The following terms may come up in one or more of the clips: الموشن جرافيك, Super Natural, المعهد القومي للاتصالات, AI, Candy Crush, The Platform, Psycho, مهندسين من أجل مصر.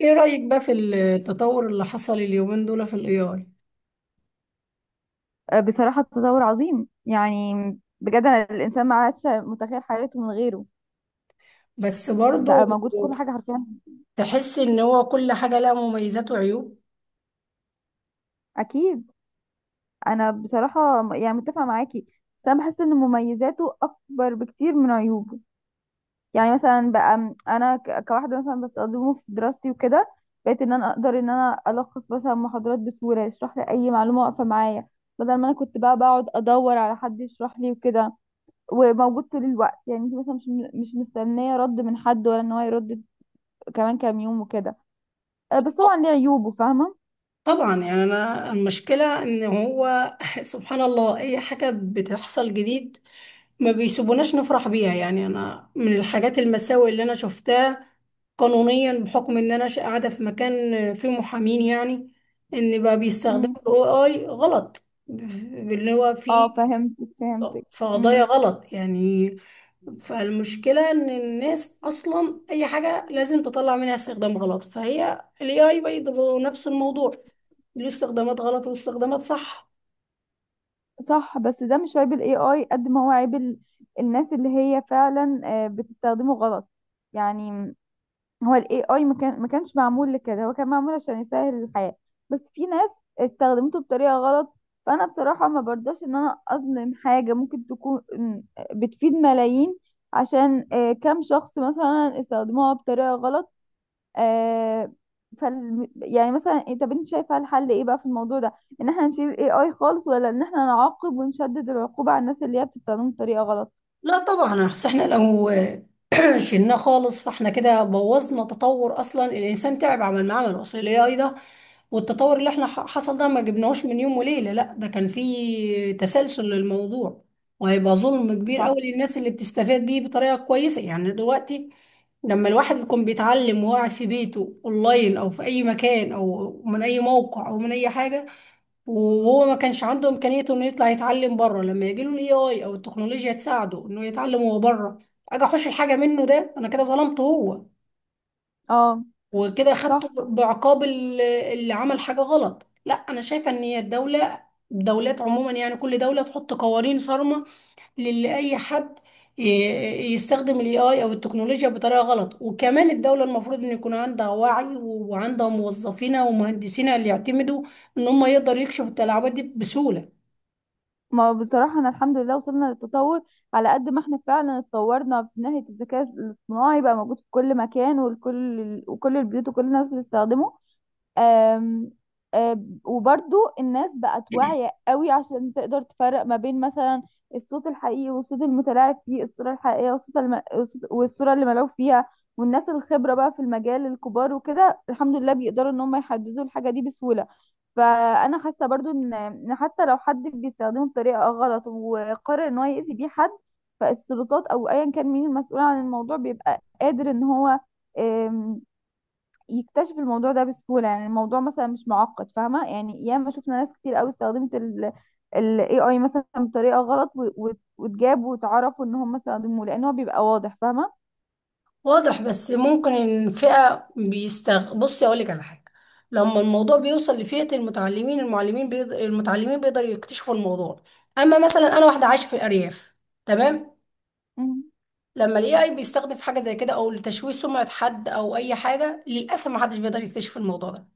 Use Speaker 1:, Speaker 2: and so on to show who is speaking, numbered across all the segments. Speaker 1: ايه رأيك بقى في التطور اللي حصل اليومين دول في الاي اي؟
Speaker 2: آه، بصراحة تطور عظيم يعني. بجد أنا الإنسان ما عادش متخيل حياته من غيره.
Speaker 1: بس برضه.
Speaker 2: بقى موجود في كل حاجة حرفيا.
Speaker 1: تحس ان هو كل حاجة لها مميزات وعيوب.
Speaker 2: أكيد. أنا بصراحة يعني متفقة معاكي. بس أنا بحس إن مميزاته أكبر بكتير من عيوبه. يعني مثلا بقى أنا كواحدة مثلا بستخدمه في دراستي وكده، بقيت إن أنا أقدر إن أنا ألخص مثلا محاضرات بسهولة، يشرح لي أي معلومة واقفة معايا، بدل ما أنا كنت بقى بقعد أدور على حد يشرح لي وكده، وموجود طول الوقت. يعني انت مثلا مش مستنيه رد من حد ولا ان هو يرد كمان كام يوم وكده. آه، بس طبعا ليه عيوبه، فاهمة.
Speaker 1: طبعا، يعني انا المشكلة ان هو سبحان الله، اي حاجة بتحصل جديد ما بيسيبوناش نفرح بيها. يعني انا من الحاجات المساوئ اللي انا شفتها قانونيا، بحكم ان انا قاعدة في مكان فيه محامين، يعني ان بقى بيستخدموا
Speaker 2: امم.
Speaker 1: الاي اي غلط اللي هو
Speaker 2: اه،
Speaker 1: فيه
Speaker 2: فهمتك فهمتك.
Speaker 1: في قضايا
Speaker 2: امم.
Speaker 1: غلط يعني. فالمشكلة ان الناس اصلا اي حاجة لازم تطلع منها استخدام غلط، فهي ال AI برضه نفس الموضوع، له استخدامات غلط واستخدامات صح.
Speaker 2: صح، بس ده مش عيب الاي اي قد ما هو عيب الناس اللي هي فعلا بتستخدمه غلط. يعني هو الاي اي ما كانش معمول لكده، هو كان معمول عشان يسهل الحياة، بس في ناس استخدمته بطريقة غلط. فانا بصراحة ما برضاش ان انا اظلم حاجة ممكن تكون بتفيد ملايين عشان كام شخص مثلا استخدموها بطريقة غلط. آه. يعني مثلا طب انت شايفه الحل ايه بقى في الموضوع ده؟ ان احنا نشيل الاي اي خالص ولا ان احنا نعاقب ونشدد العقوبه على الناس اللي هي بتستخدمه بطريقه غلط؟
Speaker 1: لا طبعا، اصل احنا لو شلناه خالص، فاحنا كده بوظنا تطور، اصلا الانسان تعب عمل معاه عمل اصل الاي اي ده. والتطور اللي احنا حصل ده ما جبناهوش من يوم وليله، لا ده كان فيه تسلسل للموضوع. وهيبقى ظلم كبير
Speaker 2: صح.
Speaker 1: قوي للناس اللي بتستفاد بيه بطريقه كويسه. يعني دلوقتي لما الواحد بيكون بيتعلم وقاعد في بيته اونلاين او في اي مكان او من اي موقع او من اي حاجه، وهو ما كانش عنده امكانيه انه يطلع يتعلم بره، لما يجي له الاي اي او التكنولوجيا تساعده انه يتعلم هو بره، اجي احوش الحاجه منه؟ ده انا كده ظلمته هو.
Speaker 2: اه،
Speaker 1: وكده
Speaker 2: صح.
Speaker 1: خدته بعقاب اللي عمل حاجه غلط. لا انا شايفه ان هي الدوله، الدولات عموما، يعني كل دوله تحط قوانين صارمه للي اي حد ي- يستخدم الاي اي او التكنولوجيا بطريقه غلط. وكمان الدوله المفروض ان يكون عندها وعي وعندها موظفينها ومهندسينها اللي يعتمدوا ان هم يقدروا يكشفوا التلاعبات دي بسهوله.
Speaker 2: ما هو بصراحه انا الحمد لله وصلنا للتطور، على قد ما احنا فعلا اتطورنا من ناحيه الذكاء الاصطناعي. بقى موجود في كل مكان، والكل وكل البيوت وكل الناس بتستخدمه. أم أم وبرضو الناس بقت واعية قوي عشان تقدر تفرق ما بين مثلا الصوت الحقيقي والصوت المتلاعب فيه، الصورة الحقيقية والصورة اللي ملعوب فيها. والناس الخبرة بقى في المجال، الكبار وكده الحمد لله بيقدروا ان هم يحددوا الحاجة دي بسهولة. فأنا حاسة برضو إن حتى لو حد بيستخدمه بطريقة غلط وقرر ان هو يأذي بيه حد، فالسلطات او ايا كان مين المسؤول عن الموضوع بيبقى قادر ان هو يكتشفوا الموضوع ده بسهولة. يعني الموضوع مثلا مش معقد، فاهمة؟ يعني ياما شفنا ناس كتير قوي استخدمت ال AI مثلا بطريقة غلط واتجاب واتعرفوا ان هم استخدموه لان هو بيبقى واضح، فاهمة.
Speaker 1: واضح، بس ممكن الفئة بيستغ بصي أقولك على حاجة. لما الموضوع بيوصل لفئة المتعلمين بيقدروا يكتشفوا الموضوع. أما مثلا أنا واحدة عايشة في الأرياف، تمام.
Speaker 2: مم.
Speaker 1: لما ال AI بيستخدم في حاجة زي كده أو لتشويه سمعة حد أو أي حاجة، للأسف محدش بيقدر يكتشف الموضوع ده.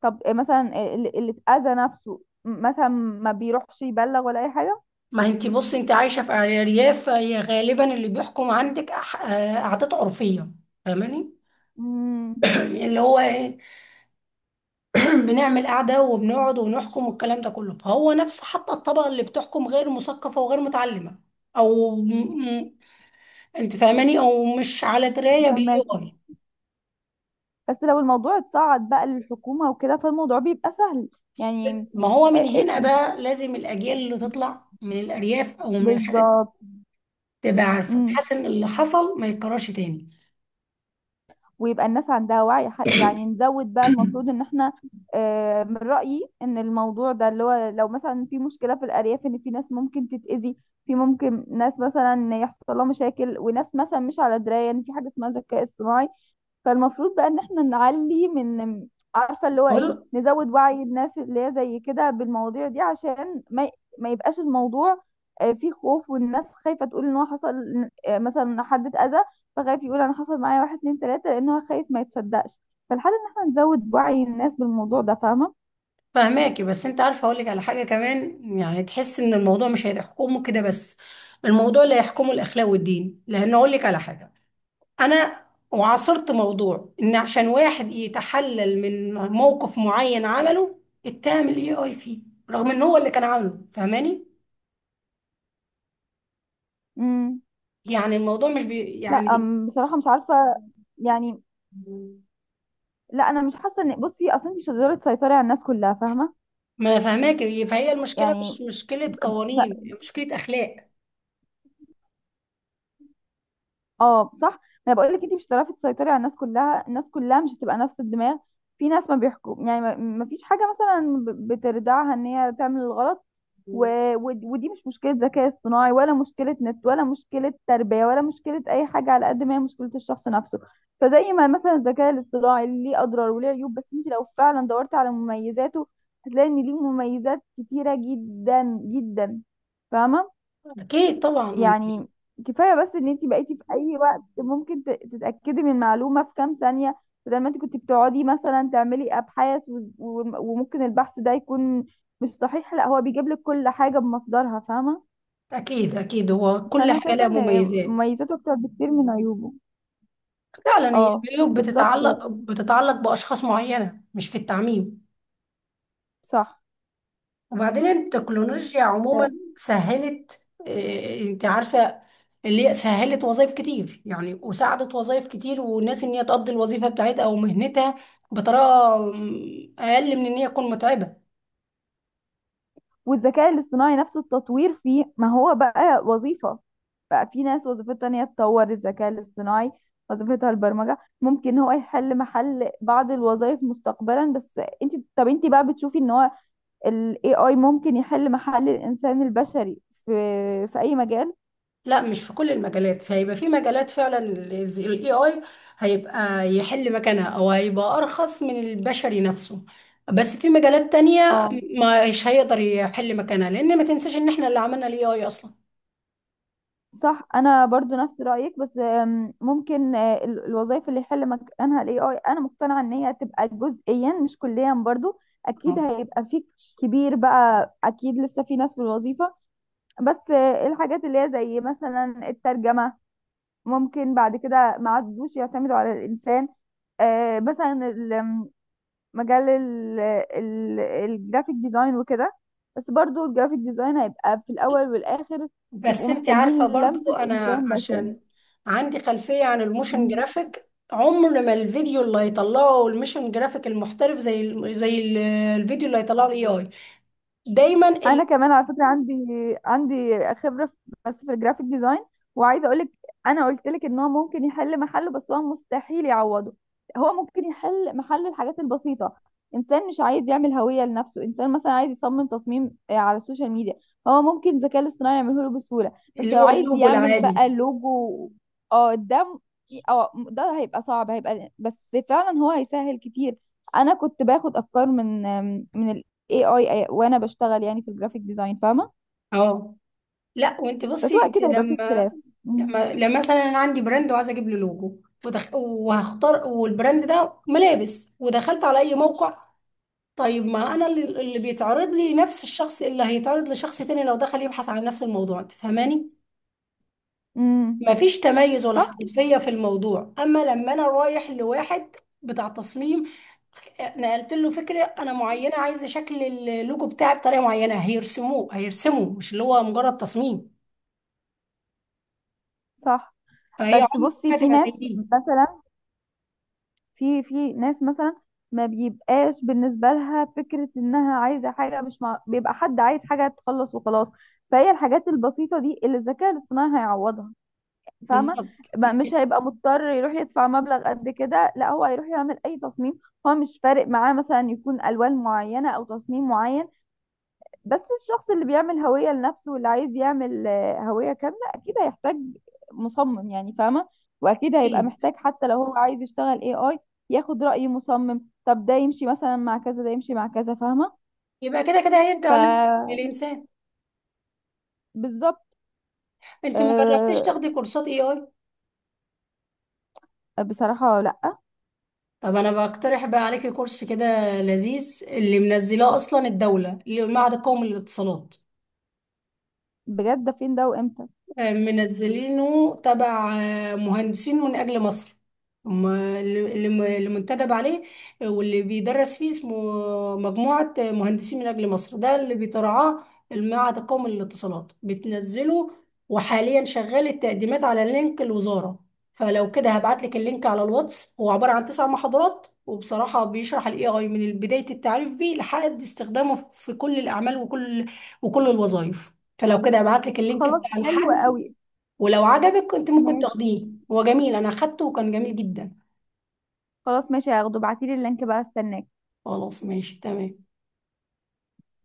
Speaker 2: طب مثلا اللي اتأذى نفسه مثلا ما بيروحش يبلغ ولا اي حاجة؟
Speaker 1: ما انتي بصي، انت عايشة في أرياف، فهي غالبا اللي بيحكم عندك عادات عرفية، فاهماني؟
Speaker 2: مم.
Speaker 1: اللي هو إيه؟ بنعمل قعدة وبنقعد ونحكم والكلام ده كله، فهو نفس حتى الطبقة اللي بتحكم غير مثقفة وغير متعلمة أو أنت فاهماني أو مش على دراية بالاي
Speaker 2: فهماكي،
Speaker 1: اي.
Speaker 2: بس لو الموضوع اتصعد بقى للحكومة وكده فالموضوع بيبقى سهل يعني.
Speaker 1: ما هو من
Speaker 2: آه، آه،
Speaker 1: هنا بقى لازم الأجيال اللي تطلع من الأرياف أو من الحاجات دي
Speaker 2: بالظبط.
Speaker 1: تبقى عارفة
Speaker 2: مم.
Speaker 1: بحيث إن اللي حصل ما يتكررش تاني.
Speaker 2: ويبقى الناس عندها وعي. يعني نزود بقى، المفروض ان احنا من رأيي ان الموضوع ده اللي هو لو مثلا في مشكلة في الأرياف، ان في ناس ممكن تتأذي، في ممكن ناس مثلا يحصل لها مشاكل، وناس مثلا مش على دراية ان في حاجة اسمها ذكاء اصطناعي، فالمفروض بقى ان احنا نعلي من، عارفه اللي هو ايه،
Speaker 1: بقول-
Speaker 2: نزود وعي الناس اللي هي زي كده بالمواضيع دي عشان ما يبقاش الموضوع فيه خوف، والناس خايفه تقول ان هو حصل، مثلا إن حد اتاذى، فخايف يقول انا حصل معايا واحد اتنين تلاته لان هو خايف ما يتصدقش. فالحل ان احنا نزود وعي الناس بالموضوع ده، فاهمه.
Speaker 1: فهماكي، بس انت عارفه اقول لك على حاجه كمان، يعني تحس ان الموضوع مش هيحكمه كده بس، الموضوع اللي هيحكمه الاخلاق والدين، لان اقول لك على حاجه، انا وعاصرت موضوع ان عشان واحد يتحلل من موقف معين عمله اتهم الاي اي فيه رغم ان هو اللي كان عامله، فاهماني؟
Speaker 2: امم.
Speaker 1: يعني الموضوع مش
Speaker 2: لا،
Speaker 1: يعني.
Speaker 2: بصراحه مش عارفه يعني. لا، انا مش حاسه ان، بصي اصل انت مش هتقدري تسيطري على الناس كلها، فاهمه.
Speaker 1: ما فاهماك، فهي المشكله مش
Speaker 2: يعني
Speaker 1: مشكله قوانين، هي مشكله اخلاق.
Speaker 2: اه، صح. ما انا بقول لك انت مش هتعرفي تسيطري على الناس كلها. الناس كلها مش هتبقى نفس الدماغ، في ناس ما بيحكم. يعني ما فيش حاجه مثلا بتردعها ان هي تعمل الغلط. و... ودي مش مشكله ذكاء اصطناعي ولا مشكله نت ولا مشكله تربيه ولا مشكله اي حاجه، على قد ما هي مشكله الشخص نفسه. فزي ما مثلا الذكاء الاصطناعي ليه اضرار وليه عيوب، بس انت لو فعلا دورت على مميزاته هتلاقي ان ليه مميزات كتيره جدا جدا، فاهمه.
Speaker 1: اكيد طبعا.
Speaker 2: يعني كفايه بس ان انت بقيتي في اي وقت ممكن تتاكدي من معلومه في كام ثانيه، بدل ما انت كنت بتقعدي مثلا تعملي ابحاث وممكن البحث ده يكون مش صحيح. لا، هو بيجيب لك كل حاجه بمصدرها، فاهمه.
Speaker 1: اكيد اكيد هو كل
Speaker 2: فانا
Speaker 1: حاجه
Speaker 2: شايفه
Speaker 1: لها
Speaker 2: ان
Speaker 1: مميزات.
Speaker 2: مميزاته اكتر بكتير من عيوبه.
Speaker 1: فعلا، هي
Speaker 2: اه،
Speaker 1: العيوب
Speaker 2: بالظبط.
Speaker 1: بتتعلق باشخاص معينه مش في التعميم.
Speaker 2: صح.
Speaker 1: وبعدين التكنولوجيا عموما سهلت، انت عارفة اللي هي سهلت وظائف كتير، يعني وساعدت وظائف كتير وناس ان هي تقضي الوظيفة بتاعتها او مهنتها بطريقة اقل من ان هي تكون متعبة.
Speaker 2: والذكاء الاصطناعي نفسه التطوير فيه ما هو بقى وظيفة، بقى في ناس وظيفتها ان هي تطور الذكاء الاصطناعي، وظيفتها البرمجة. ممكن هو يحل محل بعض الوظائف مستقبلا. بس انت، طب انت بقى بتشوفي ان هو ال AI ممكن يحل محل الانسان البشري في في اي مجال؟
Speaker 1: لا مش في كل المجالات، فهيبقى في مجالات فعلا الاي اي هيبقى يحل مكانها او هيبقى ارخص من البشري نفسه، بس في مجالات تانية
Speaker 2: اه،
Speaker 1: مش هيقدر يحل مكانها، لان ما تنساش ان احنا اللي عملنا الاي اي اصلا.
Speaker 2: صح. انا برضو نفس رايك، بس ممكن الوظائف اللي يحل مكانها الاي اي، انا مقتنعه ان هي تبقى جزئيا مش كليا برضو. اكيد هيبقى في كبير بقى، اكيد لسه في ناس في الوظيفه. بس الحاجات اللي هي زي مثلا الترجمه ممكن بعد كده ما عادوش يعتمدوا على الانسان. مثلا مجال الجرافيك ديزاين وكده. بس برضو الجرافيك ديزاين هيبقى في الاول والاخر بيبقوا
Speaker 1: بس انت عارفة
Speaker 2: محتاجين
Speaker 1: برضو،
Speaker 2: لمسة
Speaker 1: انا
Speaker 2: إنسان بشري.
Speaker 1: عشان عندي خلفية عن الموشن
Speaker 2: مم.
Speaker 1: جرافيك، عمر ما الفيديو اللي هيطلعه الموشن جرافيك المحترف زي الفيديو اللي هيطلعه الاي اي، دايما
Speaker 2: انا كمان على فكره عندي خبره بس في الجرافيك ديزاين. وعايزه اقول لك، انا قلت لك ان هو ممكن يحل محله بس هو مستحيل يعوضه. هو ممكن يحل محل الحاجات البسيطه. انسان مش عايز يعمل هويه لنفسه، انسان مثلا عايز يصمم تصميم على السوشيال ميديا، هو ممكن الذكاء الاصطناعي يعمله له بسهوله. بس
Speaker 1: اللي
Speaker 2: لو
Speaker 1: هو
Speaker 2: عايز
Speaker 1: اللوجو
Speaker 2: يعمل بقى
Speaker 1: العادي.
Speaker 2: لوجو، اه ده م- اه ده هيبقى صعب، هيبقى، بس فعلا هو هيسهل كتير. انا كنت باخد افكار من اي اي وانا بشتغل يعني في الجرافيك ديزاين، فاهمه.
Speaker 1: اه. لا وانت
Speaker 2: بس هو
Speaker 1: بصي، انت
Speaker 2: اكيد هيبقى فيه
Speaker 1: لما
Speaker 2: اختلاف. امم
Speaker 1: لما لما مثلا انا عندي براند وعايزه اجيب له لوجو وهختار، والبراند ده ملابس ودخلت على اي موقع. طيب، ما انا اللي بيتعرض لي نفس الشخص اللي هيتعرض لشخص تاني لو دخل يبحث عن نفس الموضوع، انت فاهماني؟
Speaker 2: امم
Speaker 1: مفيش تميز ولا
Speaker 2: صح،
Speaker 1: احترافية في الموضوع، اما لما انا رايح لواحد بتاع تصميم، نقلت له فكرة انا معينة، عايزة شكل اللوجو بتاعي بطريقة معينة، هيرسمه مش اللي هو مجرد تصميم.
Speaker 2: صح.
Speaker 1: فهي
Speaker 2: بس
Speaker 1: عمرك
Speaker 2: بصي
Speaker 1: ما
Speaker 2: في
Speaker 1: تبقى زي
Speaker 2: ناس
Speaker 1: دي.
Speaker 2: مثلا في في ناس مثلا ما بيبقاش بالنسبه لها فكره انها عايزه حاجه، مش مع... بيبقى حد عايز حاجه تخلص وخلاص. فهي الحاجات البسيطه دي اللي الذكاء الاصطناعي هيعوضها، فاهمه.
Speaker 1: بالظبط
Speaker 2: مش هيبقى مضطر يروح يدفع مبلغ قد كده، لا هو هيروح يعمل اي تصميم، هو مش فارق معاه مثلا يكون الوان معينه او تصميم معين. بس الشخص اللي بيعمل هوية لنفسه واللي عايز يعمل هوية كاملة أكيد هيحتاج مصمم، يعني فاهمة. وأكيد هيبقى
Speaker 1: أكيد.
Speaker 2: محتاج حتى لو هو عايز يشتغل اي اي، ياخد رأي مصمم. طب ده يمشي مثلا مع كذا، ده يمشي مع كذا، فاهمة.
Speaker 1: يبقى كده كده هيرجع للانسان.
Speaker 2: فبالظبط.
Speaker 1: انت ما جربتيش
Speaker 2: أه،
Speaker 1: تاخدي كورسات اي اي؟
Speaker 2: بصراحة لأ.
Speaker 1: طب انا بقترح بقى عليكي كورس كده لذيذ اللي منزلاه اصلا الدولة، اللي هو المعهد القومي للاتصالات.
Speaker 2: بجد ده فين ده وامتى؟
Speaker 1: منزلينه تبع مهندسين من أجل مصر. هم اللي منتدب عليه. واللي بيدرس فيه اسمه مجموعة مهندسين من أجل مصر، ده اللي بيترعاه. المعهد القومي للاتصالات بتنزله، وحاليا شغال التقديمات على لينك الوزارة. فلو كده هبعت لك اللينك على الواتس، هو عبارة عن 9 محاضرات، وبصراحة بيشرح الاي اي من بداية التعريف بيه لحد استخدامه في كل الأعمال وكل الوظائف. فلو كده ابعت لك اللينك
Speaker 2: خلاص،
Speaker 1: بتاع
Speaker 2: حلو
Speaker 1: الحجز،
Speaker 2: قوي.
Speaker 1: ولو عجبك كنت ممكن
Speaker 2: ماشي،
Speaker 1: تاخديه، هو جميل، انا اخدته وكان جميل جدا.
Speaker 2: خلاص، ماشي، هاخده. ابعتيلي اللينك بقى، استناك.
Speaker 1: خلاص ماشي تمام.